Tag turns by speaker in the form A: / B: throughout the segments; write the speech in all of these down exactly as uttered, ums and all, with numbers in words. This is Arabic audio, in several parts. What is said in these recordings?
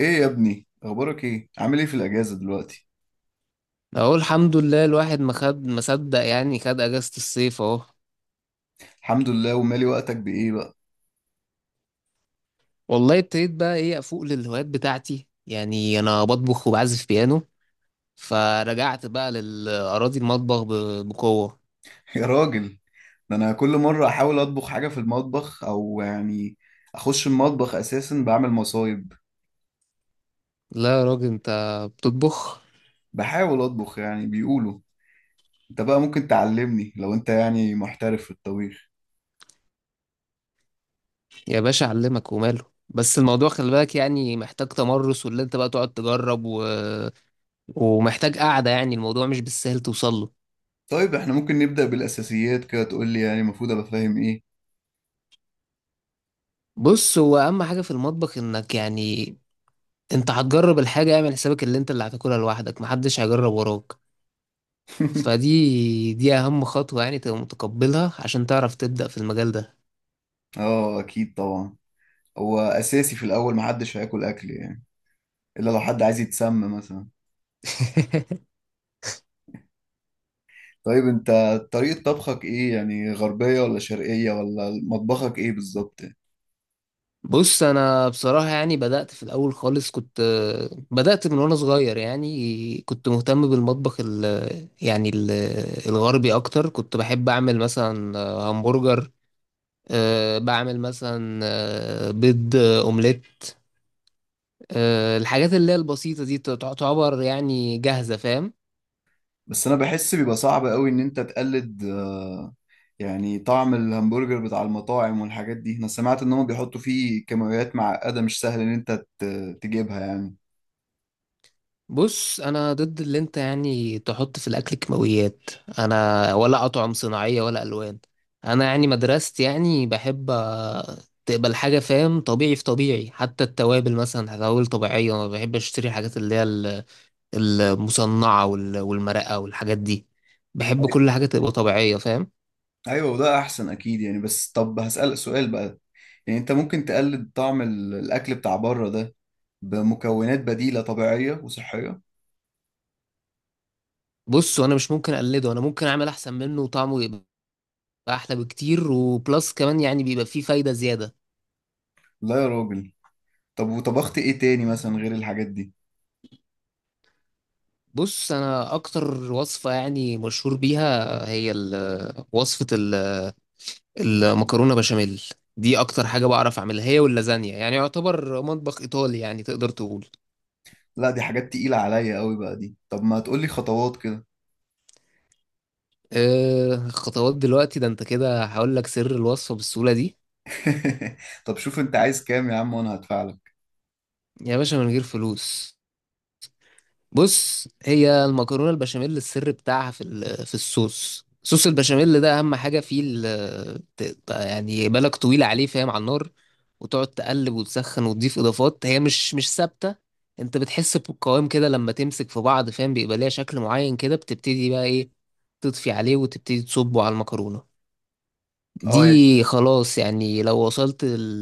A: ايه يا ابني؟ اخبارك ايه؟ عامل ايه في الاجازه دلوقتي؟
B: اقول الحمد لله الواحد ما خد ما صدق، يعني خد اجازة الصيف اهو.
A: الحمد لله. ومالي، وقتك بايه بقى؟
B: والله ابتديت بقى ايه، افوق للهوايات بتاعتي، يعني انا بطبخ وبعزف بيانو. فرجعت بقى للاراضي المطبخ ب- بقوة.
A: يا راجل، ده انا كل مره احاول اطبخ حاجه في المطبخ، او يعني اخش المطبخ اساسا بعمل مصايب.
B: لا يا راجل، انت بتطبخ.
A: بحاول اطبخ يعني، بيقولوا انت بقى ممكن تعلمني لو انت يعني محترف في الطبيخ.
B: يا باشا اعلمك وماله، بس الموضوع خلي بالك، يعني محتاج تمرس، واللي انت بقى تقعد تجرب و... ومحتاج قعدة، يعني الموضوع مش بالسهل توصل له.
A: طيب احنا ممكن نبدا بالاساسيات كده، تقول لي يعني المفروض ابقى فاهم ايه؟
B: بص، هو اهم حاجة في المطبخ انك يعني انت هتجرب الحاجة، اعمل حسابك اللي انت اللي هتاكلها لوحدك، محدش هيجرب وراك. فدي دي اهم خطوة، يعني تبقى متقبلها عشان تعرف تبدأ في المجال ده.
A: اه، اكيد طبعا. هو اساسي في الاول محدش هياكل اكل يعني، الا لو حد عايز يتسمى مثلا. طيب انت، طريقة طبخك ايه؟ يعني غربية ولا شرقية؟ ولا مطبخك ايه بالظبط؟
B: بص، انا بصراحة يعني بدأت في الاول خالص، كنت بدأت من وانا صغير، يعني كنت مهتم بالمطبخ ال يعني ال الغربي اكتر. كنت بحب اعمل مثلا همبرجر. أه بعمل مثلا آه، بيض، آه، اومليت. أه الحاجات اللي هي البسيطة دي تعتبر يعني جاهزة، فاهم.
A: بس انا بحس بيبقى صعب قوي ان انت تقلد، آه، يعني طعم الهمبرجر بتاع المطاعم والحاجات دي. انا سمعت ان هم بيحطوا فيه كيماويات معقدة مش سهل ان انت ت- تجيبها يعني.
B: بص انا ضد اللي انت يعني تحط في الاكل كيماويات. انا ولا اطعم صناعيه ولا الوان. انا يعني مدرستي يعني بحب آه، تقبل حاجه، فاهم، طبيعي في طبيعي، حتى التوابل مثلا توابل طبيعيه. ما بحب اشتري حاجات اللي هي ال- المصنعه وال- والمرقه والحاجات دي. بحب
A: أي-
B: كل حاجه تبقى طبيعيه، فاهم.
A: ايوه، وده احسن اكيد يعني. بس طب هسألك سؤال بقى، يعني انت ممكن تقلد طعم ال- الاكل بتاع بره ده بمكونات بديلة طبيعية وصحية؟
B: بص وانا مش ممكن اقلده، انا ممكن اعمل احسن منه وطعمه يبقى احلى بكتير، وبلس كمان يعني بيبقى فيه فايده زياده.
A: لا يا راجل. طب وطبخت ايه تاني مثلا غير الحاجات دي؟
B: بص، انا اكتر وصفه يعني مشهور بيها هي ال- وصفه ال- المكرونه بشاميل. دي اكتر حاجه بعرف اعملها، هي واللازانيا، يعني يعتبر مطبخ ايطالي يعني تقدر تقول.
A: لا، دي حاجات تقيلة عليا قوي بقى دي. طب ما تقولي خطوات كده.
B: أه خطوات دلوقتي؟ ده انت كده هقول لك سر الوصفه بالسهوله دي.
A: طب شوف انت عايز كام يا عم وانا هدفع لك.
B: يا باشا، من غير فلوس. بص، هي المكرونه البشاميل السر بتاعها في ال- آه، في الصوص صوص البشاميل، ده اهم حاجه فيه ال- آه، ت- ت- يعني بالك طويله عليه، فاهم، على النار، وتقعد تقلب وتسخن وتضيف اضافات هي مش مش ثابته. انت بتحس بالقوام كده لما تمسك في بعض، فاهم، بيبقى ليها شكل معين كده، بتبتدي بقى ايه، تطفي عليه وتبتدي تصبه على المكرونه. دي
A: اه يعني،
B: خلاص، يعني لو وصلت ال-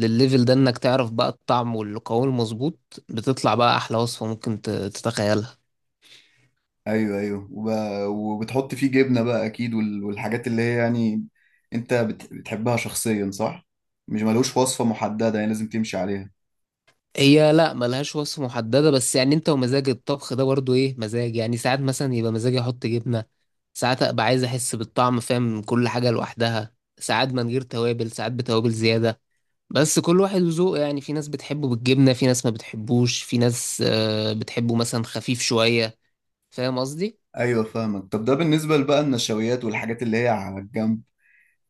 B: للليفل ده، انك تعرف بقى الطعم والقوام المظبوط، بتطلع بقى احلى وصفه ممكن ت- تتخيلها.
A: ايوه ايوه، وب... وبتحط فيه جبنة بقى اكيد، وال... والحاجات اللي هي يعني انت بت... بتحبها شخصيا، صح؟ مش ملوش وصفة محددة يعني لازم تمشي عليها؟
B: هي لا ملهاش وصفة محددة، بس يعني انت ومزاج الطبخ ده برضو، ايه مزاج، يعني ساعات مثلا يبقى مزاجي احط جبنة، ساعات ابقى عايز احس بالطعم، فاهم، كل حاجة لوحدها، ساعات من غير توابل، ساعات بتوابل زيادة. بس كل واحد وذوقه يعني، في ناس بتحبه بالجبنة، في ناس ما بتحبوش، في ناس آه، بتحبه مثلا خفيف شوية. فاهم قصدي؟
A: ايوه فاهمك. طب ده بالنسبة بقى النشويات والحاجات اللي هي على الجنب،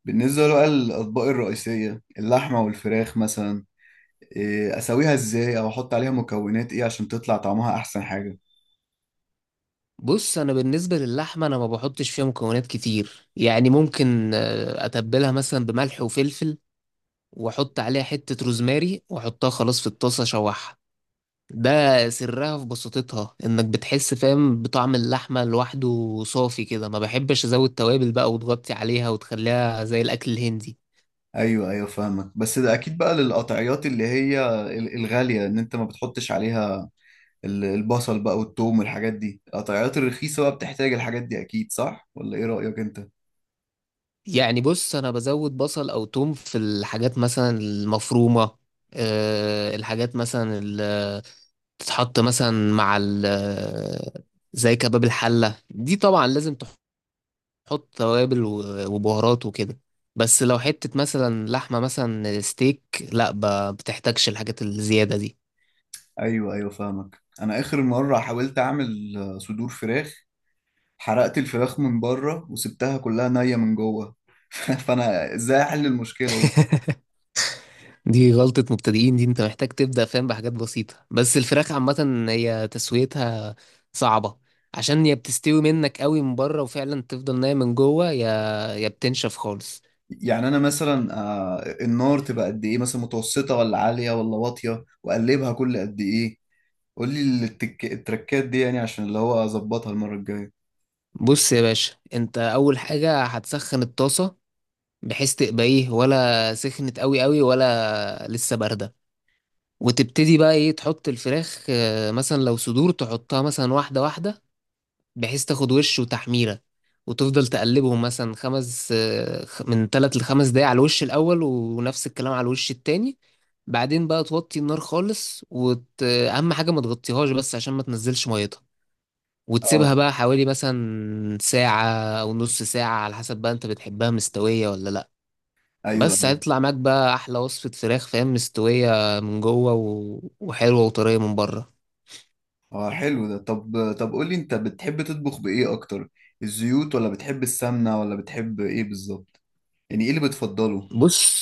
A: بالنسبة بقى للأطباق الرئيسية اللحمة والفراخ مثلا، إيه، أسويها إزاي؟ أو أحط عليها مكونات إيه عشان تطلع طعمها أحسن حاجة؟
B: بص انا بالنسبة للحمة، انا ما بحطش فيها مكونات كتير، يعني ممكن آه، اتبلها مثلا بملح وفلفل، واحط عليها حتة روزماري، واحطها خلاص في الطاسة اشوحها. ده سرها في بساطتها، انك بتحس فاهم بطعم اللحمة لوحده صافي كده، ما بحبش ازود توابل بقى وتغطي عليها وتخليها زي الاكل الهندي.
A: ايوه ايوه فاهمك. بس ده اكيد بقى للقطعيات اللي هي ال- الغاليه ان انت ما بتحطش عليها ال- البصل بقى والثوم والحاجات دي. القطعيات الرخيصه بقى بتحتاج الحاجات دي اكيد، صح ولا ايه رايك انت؟
B: يعني بص، انا بزود بصل او توم في الحاجات مثلا المفرومة. أه الحاجات مثلا اللي تتحط مثلا مع ال- زي كباب الحلة، دي طبعا لازم تحط توابل و- وبهارات وكده. بس لو حتة مثلا لحمة مثلا ستيك، لا ب- بتحتاجش الحاجات الزيادة دي.
A: ايوه ايوه فاهمك. انا اخر مره حاولت اعمل، آه، صدور فراخ. حرقت الفراخ من بره وسبتها كلها نيه من جوه. فانا ازاي احل المشكله دي؟
B: دي غلطة مبتدئين دي، انت محتاج تبدأ فاهم بحاجات بسيطة، بس الفراخ عامة هي تسويتها صعبة، عشان يا بتستوي منك قوي من بره وفعلا تفضل نايم من جوه، يا يا بتنشف خالص.
A: يعني انا مثلا، آه، النار تبقى قد ايه مثلا؟ متوسطه ولا عاليه ولا واطيه؟ واقلبها كل قد ايه؟ قول لي التك... التركات دي يعني عشان اللي هو اظبطها المره الجايه.
B: بص يا باشا، انت اول حاجة هتسخن الطاسة، بحيث تبقى ايه، ولا سخنت قوي قوي ولا لسه باردة، وتبتدي بقى ايه تحط الفراخ، اه، مثلا لو صدور تحطها مثلا واحدة واحدة، بحيث تاخد وش وتحميرة، وتفضل تقلبهم مثلا خمس آه، خ- من تلات لخمس دقايق على الوش الأول، ونفس الكلام على الوش التاني. بعدين بقى توطي النار خالص، وت... أهم حاجة ما تغطيهاش بس عشان ما تنزلش ميتها، وتسيبها
A: اه،
B: بقى حوالي مثلا ساعة أو نص ساعة، على حسب بقى أنت بتحبها مستوية ولا لأ.
A: ايوه
B: بس
A: ايوه.
B: هيطلع معاك بقى أحلى وصفة فراخ، فاهم، مستوية من جوه و... وحلوة وطرية من بره.
A: اه حلو ده. طب طب قول لي انت بتحب تطبخ بايه اكتر؟ الزيوت، ولا بتحب السمنه، ولا بتحب ايه بالظبط؟ يعني ايه اللي بتفضله؟
B: بص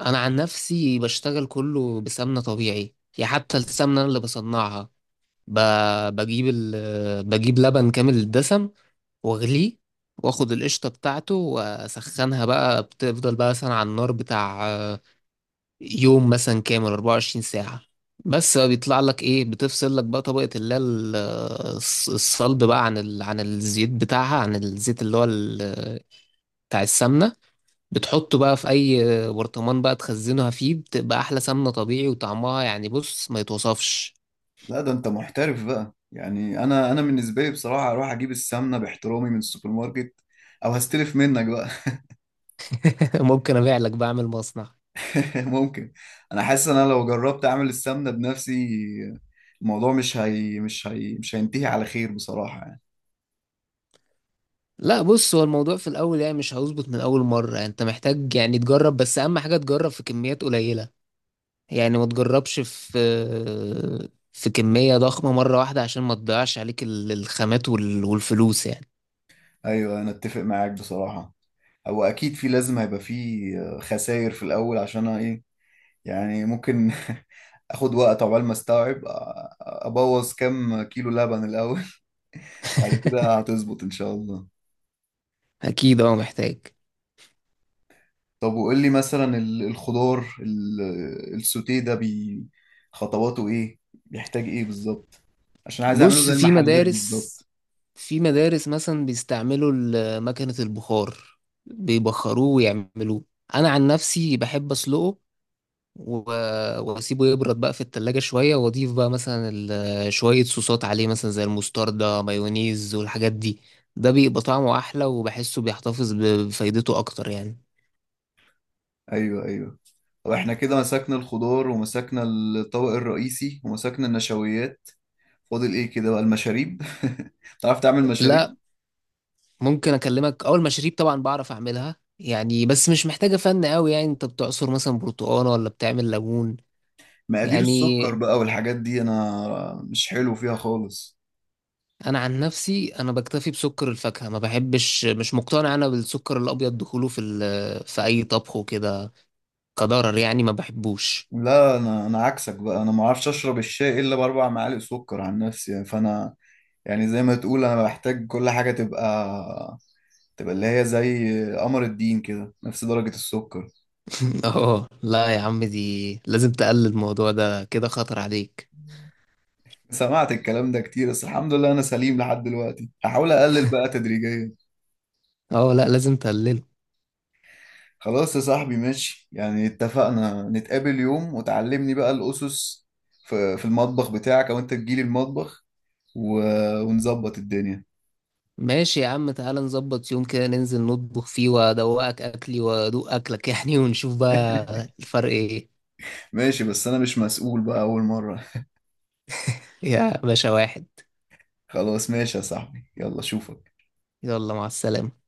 B: انا عن نفسي بشتغل كله بسمنه طبيعي، يعني حتى السمنه أنا اللي بصنعها. ب... بجيب ال... بجيب لبن كامل الدسم، واغليه، واخد القشطه بتاعته واسخنها بقى، بتفضل بقى مثلا على النار بتاع آه، يوم مثلا كامل أربع وعشرين ساعه. بس بقى بيطلع لك ايه، بتفصل لك بقى طبقه اللي هي ال- الص- الصلب بقى عن ال... عن الزيت بتاعها، عن الزيت اللي هو ال... بتاع السمنه، بتحطه بقى في اي برطمان بقى تخزنها فيه، بتبقى احلى سمنة طبيعي وطعمها يعني بص ما يتوصفش.
A: لا، ده انت محترف بقى يعني. انا انا بالنسبه لي بصراحه اروح اجيب السمنه باحترامي من السوبر ماركت، او هستلف منك بقى.
B: ممكن ابيع لك، بعمل مصنع.
A: ممكن. انا حاسس ان انا لو جربت اعمل السمنه بنفسي الموضوع مش هي مش هي مش هينتهي على خير بصراحه يعني.
B: لا بص، هو الموضوع في الاول يعني مش هيظبط من اول مرة، يعني انت محتاج يعني تجرب، بس اهم حاجة تجرب في كميات قليلة، يعني ما تجربش في في كمية ضخمة مرة واحدة، عشان ما تضيعش عليك ال- الخامات وال- والفلوس يعني.
A: ايوه انا اتفق معاك بصراحه. هو اكيد في لازم هيبقى في خسائر في الاول، عشان أنا ايه يعني، ممكن اخد وقت عقبال ما استوعب، أ- ابوظ كام كيلو لبن الاول. وبعد كده هتظبط ان شاء الله.
B: اكيد، اه محتاج.
A: طب وقول لي مثلا ال- الخضار ال- السوتيه ده، بي خطواته ايه؟ بيحتاج ايه بالظبط؟ عشان عايز اعمله
B: بص،
A: زي
B: في
A: المحلات
B: مدارس
A: بالظبط.
B: في مدارس مثلا بيستعملوا ال- مكنة البخار، بيبخروه ويعملوه. انا عن نفسي بحب اسلقه و- واسيبه يبرد بقى في التلاجة شوية، واضيف بقى مثلا ال- شوية صوصات عليه، مثلا زي المستردة مايونيز والحاجات دي. ده بيبقى طعمه احلى، وبحسه بيحتفظ ب- بفايدته اكتر يعني.
A: ايوه ايوه. واحنا كده مسكنا الخضار ومسكنا الطبق الرئيسي ومسكنا النشويات، فاضل ايه كده بقى؟ المشاريب. تعرف تعمل مشاريب؟
B: لا، ممكن اكلمك. اول مشاريب طبعا بعرف اعملها، يعني بس مش محتاجة فن قوي، يعني انت بتعصر مثلا برتقانة ولا بتعمل ليمون.
A: مقادير
B: يعني
A: السكر بقى والحاجات دي انا مش حلو فيها خالص.
B: انا عن نفسي، انا بكتفي بسكر الفاكهه، ما بحبش، مش مقتنع انا بالسكر الابيض دخوله في ال- في اي طبخ وكده، كضرر يعني ما بحبوش.
A: لا، انا انا عكسك بقى. انا ما اعرفش اشرب الشاي الا باربع معالق سكر عن نفسي يعني. فانا يعني زي ما تقول انا بحتاج كل حاجه تبقى تبقى اللي هي زي قمر الدين كده، نفس درجه السكر.
B: اه لا يا عم، دي لازم تقلل، الموضوع ده كده خطر عليك.
A: سمعت الكلام ده كتير بس الحمد لله انا سليم لحد دلوقتي. هحاول اقلل بقى تدريجيا.
B: اه لا، لازم تقلله.
A: خلاص يا صاحبي ماشي. يعني اتفقنا، نتقابل يوم وتعلمني بقى الأسس في في المطبخ بتاعك، أو أنت تجيلي المطبخ، و... ونظبط الدنيا.
B: ماشي يا عم، تعالى نظبط يوم كده ننزل نطبخ فيه، وادوقك اكلي وادوق اكلك يعني، ونشوف بقى الفرق ايه.
A: ماشي. بس أنا مش مسؤول بقى أول مرة.
B: يا باشا، واحد.
A: خلاص ماشي يا صاحبي، يلا أشوفك.
B: يلا مع السلامه.